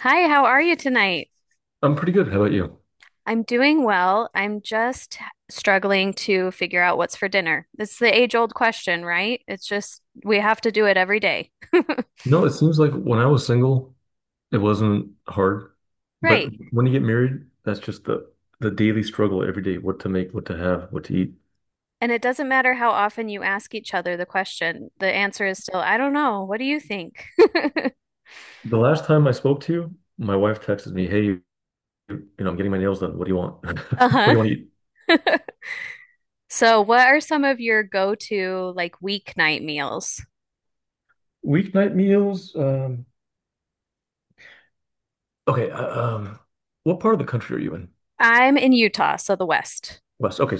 Hi, how are you tonight? I'm pretty good. How about you? I'm doing well. I'm just struggling to figure out what's for dinner. It's the age-old question, right? It's just we have to do it every day. No, it seems like when I was single, it wasn't hard. But Right. when you get married, that's just the daily struggle every day, what to make, what to have, what to eat. And it doesn't matter how often you ask each other the question, the answer is still, I don't know. What do you think? The last time I spoke to you, my wife texted me, "Hey, I'm getting my nails done. What do you want? What do Uh-huh. you want to eat?" So, what are some of your go-to like weeknight meals? Weeknight meals. Okay. What part of the country are you in? I'm in Utah, so the West. West. Okay.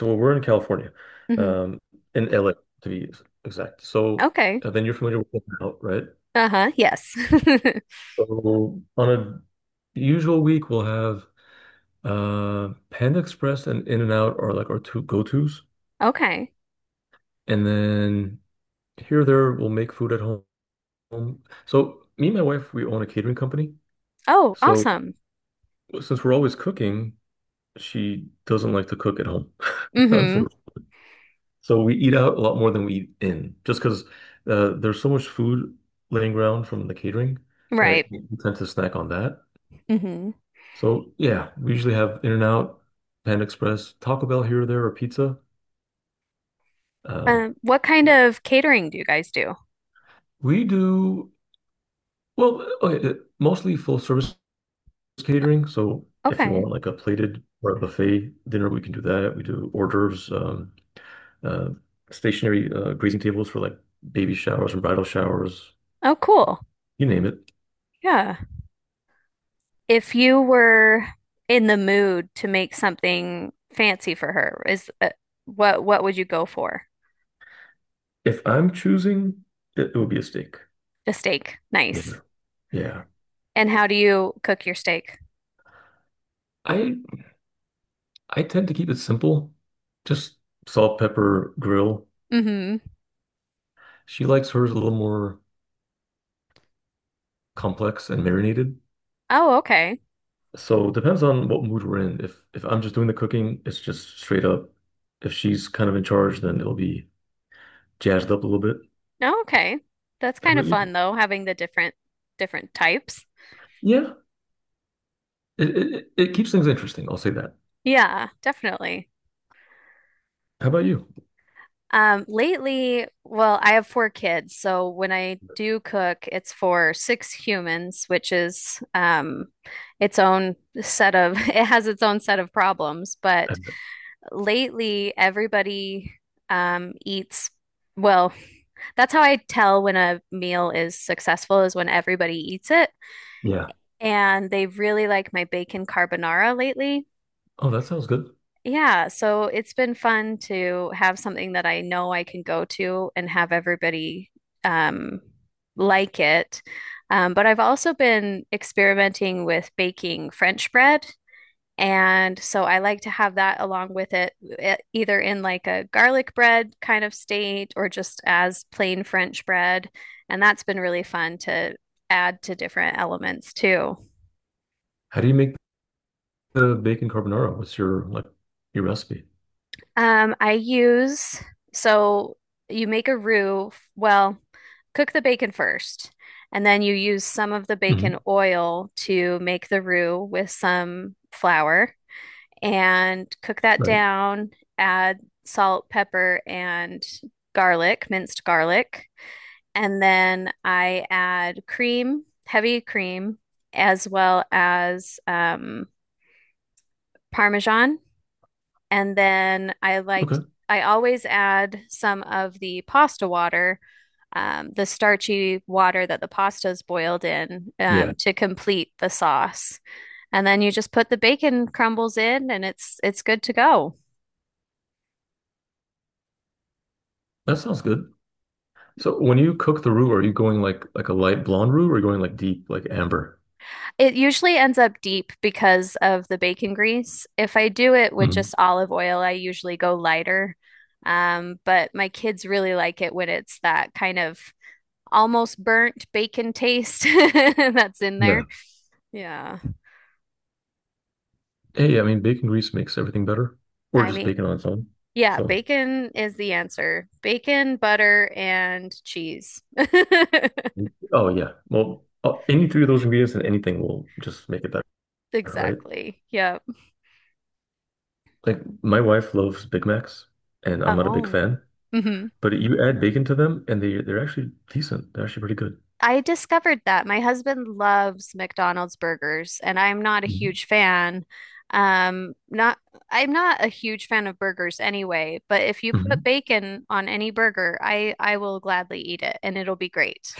So we're in California, hmm um, in LA to be exact. So Okay. uh, then you're familiar with Golden Out, right? Uh-huh. Yes. So on a usual week, we'll have Panda Express and In-N-Out are like our two go-tos. Okay. And then here or there, we'll make food at home. So me and my wife, we own a catering company. Oh, So awesome. since we're always cooking, she doesn't like to cook at home, Mm-hmm. unfortunately. So we eat out a lot more than we eat in, just because there's so much food laying around from the catering that Right. we tend to snack on that. hmm So yeah, we usually have In-N-Out, Panda Express, Taco Bell here or there, or pizza. Um, what kind of catering do you guys do? we do well, mostly full service catering. So if you Okay. want like a plated or a buffet dinner, we can do that. We do hors d'oeuvres, uh, stationary greasing tables for like baby showers and bridal showers, Oh, cool. you name it. Yeah. If you were in the mood to make something fancy for her, is what would you go for? If I'm choosing, it would be a steak. The steak. Nice. Yeah. Yeah. And how do you cook your steak? I I tend to keep it simple, just salt, pepper, grill. Mm-hmm. She likes hers a little more complex and marinated. Oh, okay. So it depends on what mood we're in. If I'm just doing the cooking, it's just straight up. If she's kind of in charge, then it'll be jazzed up a little bit. Oh, okay. That's How kind of about you? fun though, having the different types. Yeah, it keeps things interesting. I'll say that. Yeah, definitely. How about you? Lately, well, I have four kids, so when I do cook, it's for six humans, which is its own set of it has its own set of problems. But And- lately, everybody eats well, that's how I tell when a meal is successful is when everybody eats it. Yeah. And they really like my bacon carbonara lately. Oh, that sounds good. Yeah, so it's been fun to have something that I know I can go to and have everybody um, like it. But I've also been experimenting with baking French bread. And so I like to have that along with it, either in like a garlic bread kind of state or just as plain French bread. And that's been really fun to add to different elements too. How do you make the bacon carbonara? What's your recipe? I use so you make a roux. Well, cook the bacon first, and then you use some of the bacon Hmm. oil to make the roux with some flour and cook that Right. down. Add salt, pepper, and garlic, minced garlic. And then I add cream, heavy cream, as well as Parmesan, and then Okay. I always add some of the pasta water, the starchy water that the pasta is boiled in, Yeah, to complete the sauce. And then you just put the bacon crumbles in and it's good to go. that sounds good. So when you cook the roux, are you going like a light blonde roux or are you going like deep, like amber? It usually ends up deep because of the bacon grease. If I do it with Mhm. just olive oil, I usually go lighter. But my kids really like it when it's that kind of almost burnt bacon taste that's in Yeah. there. Yeah. Hey, I mean, bacon grease makes everything better, or I just bacon mean, on its own. yeah, So, bacon is the answer. Bacon, butter, and cheese. oh yeah, any three of those ingredients and anything will just make it better, right? Exactly. Yep. Like my wife loves Big Macs, and I'm not a big Oh. fan, hmm but you add bacon to them, and they're actually decent. They're actually pretty good. I discovered that. My husband loves McDonald's burgers, and I'm not a Mhm. huge fan. Not I'm not a huge fan of burgers anyway, but if you put Mhm. bacon on any burger, I will gladly eat it and it'll be great.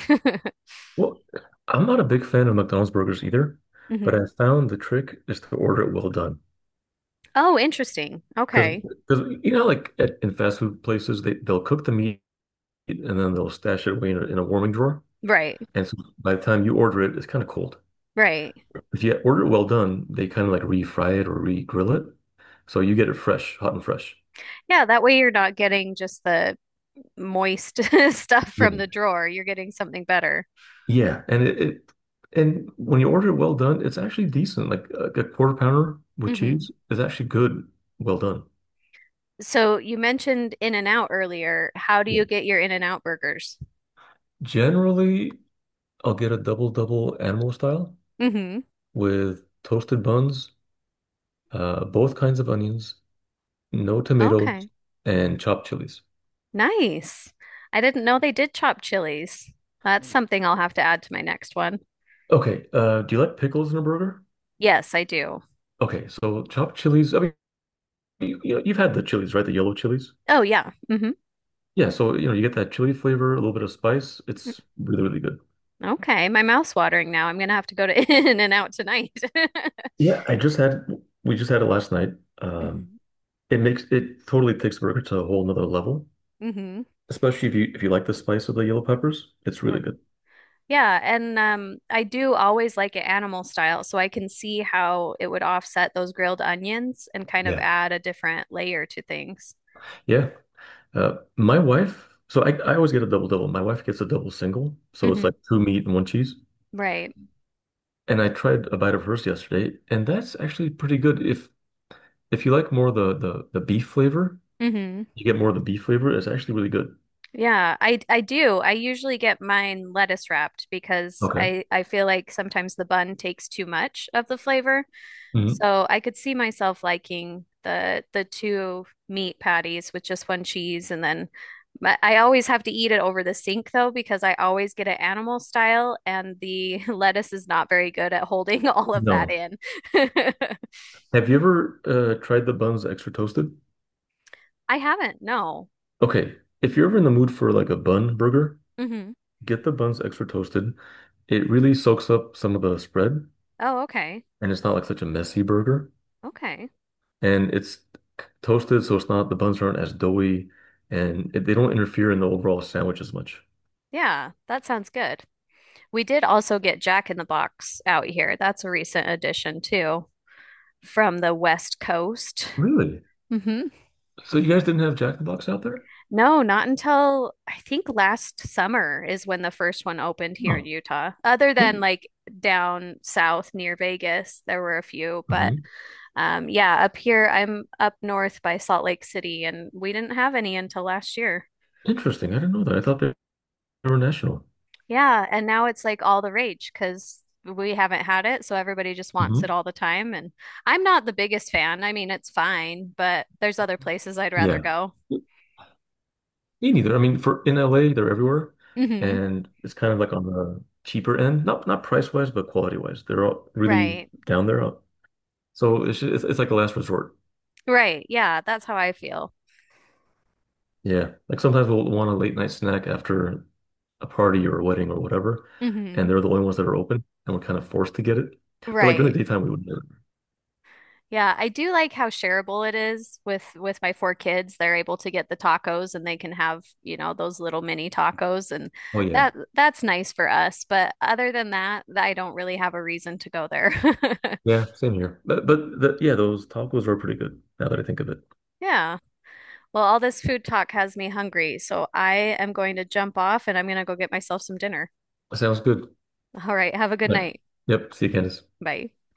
Well, I'm not a big fan of McDonald's burgers either, but hmm I found the trick is to order it well done. Oh, interesting. Because, Okay. because you know, like in fast food places, they'll cook the meat and then they'll stash it away in a warming drawer. Right. And so by the time you order it, it's kind of cold. Right. If you order it well done, they kind of like re-fry it or re-grill it. So you get it fresh, hot and fresh. Yeah, that way you're not getting just the moist stuff from Yeah. the drawer. You're getting something better. Yeah, and when you order it well done, it's actually decent. Like a quarter pounder with Hmm cheese is actually good, well done. So you mentioned In-N-Out earlier. How do Yeah. you get your In-N-Out burgers? Generally, I'll get a double double animal style hmm with toasted buns, both kinds of onions, no tomatoes, Okay. and chopped chilies. Nice. I didn't know they did chop chilies. That's something I'll have to add to my next one. Okay, do you like pickles in a burger? Yes, I do. Okay, so chopped chilies. I mean, you know, you've had the chilies, right? The yellow chilies. Oh, yeah. Yeah, so you know, you get that chili flavor, a little bit of spice. It's really, really good. Okay. My mouth's watering now. I'm gonna have to go to In-N-Out tonight. Yeah, I just had we just had it last night. Um, hmm it makes it totally takes the burger to a whole nother level, hmm especially if you like the spice of the yellow peppers. It's really good. Yeah, and I do always like it animal style, so I can see how it would offset those grilled onions and kind of Yeah. add a different layer to things. Yeah. My wife, so I always get a double double. My wife gets a double single, so it's Hmm like two meat and one cheese. Right. And I tried a bite of hers yesterday, and that's actually pretty good. If you like more the beef flavor, hmm you get more of the beef flavor. It's actually really good. Yeah, I do. I usually get mine lettuce wrapped because Okay. I feel like sometimes the bun takes too much of the flavor. Hmm. So I could see myself liking the two meat patties with just one cheese and then, but I always have to eat it over the sink though because I always get it animal style and the lettuce is not very good at holding all of that No. in. Have you ever tried the buns extra toasted? I haven't, no. Okay. If you're ever in the mood for like a bun burger, hmm get the buns extra toasted. It really soaks up some of the spread Oh, okay. and it's not like such a messy burger. Okay. And it's toasted, so it's not, the buns aren't as doughy and they don't interfere in the overall sandwich as much. Yeah, that sounds good. We did also get Jack in the Box out here. That's a recent addition too from the West Coast. Really? Hmm So you guys didn't have Jack in the Box out there? No, not until I think last summer is when the first one opened here in Oh. Utah. Other than like down south near Vegas, there were a few, but Hmm. Yeah, up here I'm up north by Salt Lake City and we didn't have any until last year. Interesting. I didn't know that. I thought they were national. Yeah, and now it's like all the rage because we haven't had it, so everybody just wants it Hmm. all the time and I'm not the biggest fan. I mean, it's fine, but there's other places I'd rather Yeah. go. Me neither. I mean, for in LA, they're everywhere, Hmm and it's kind of like on the cheaper end, not price wise, but quality wise. They're all really Right. down there. So it's like a last resort. Right. Yeah, that's how I feel. Yeah, like sometimes we'll want a late night snack after a party or a wedding or whatever, and Hmm they're the only ones that are open, and we're kind of forced to get it. But like during Right. the daytime, we would never. Yeah, I do like how shareable it is with my four kids. They're able to get the tacos and they can have, you know, those little mini tacos and Oh yeah, that's nice for us. But other than that, I don't really have a reason to go there. yeah, same here. Yeah, those tacos are pretty good. Now that I think of it, Yeah. Well, all this food talk has me hungry, so I am going to jump off and I'm going to go get myself some dinner. sounds good. All right, have a good But night. yep, see you, Candice. Bye.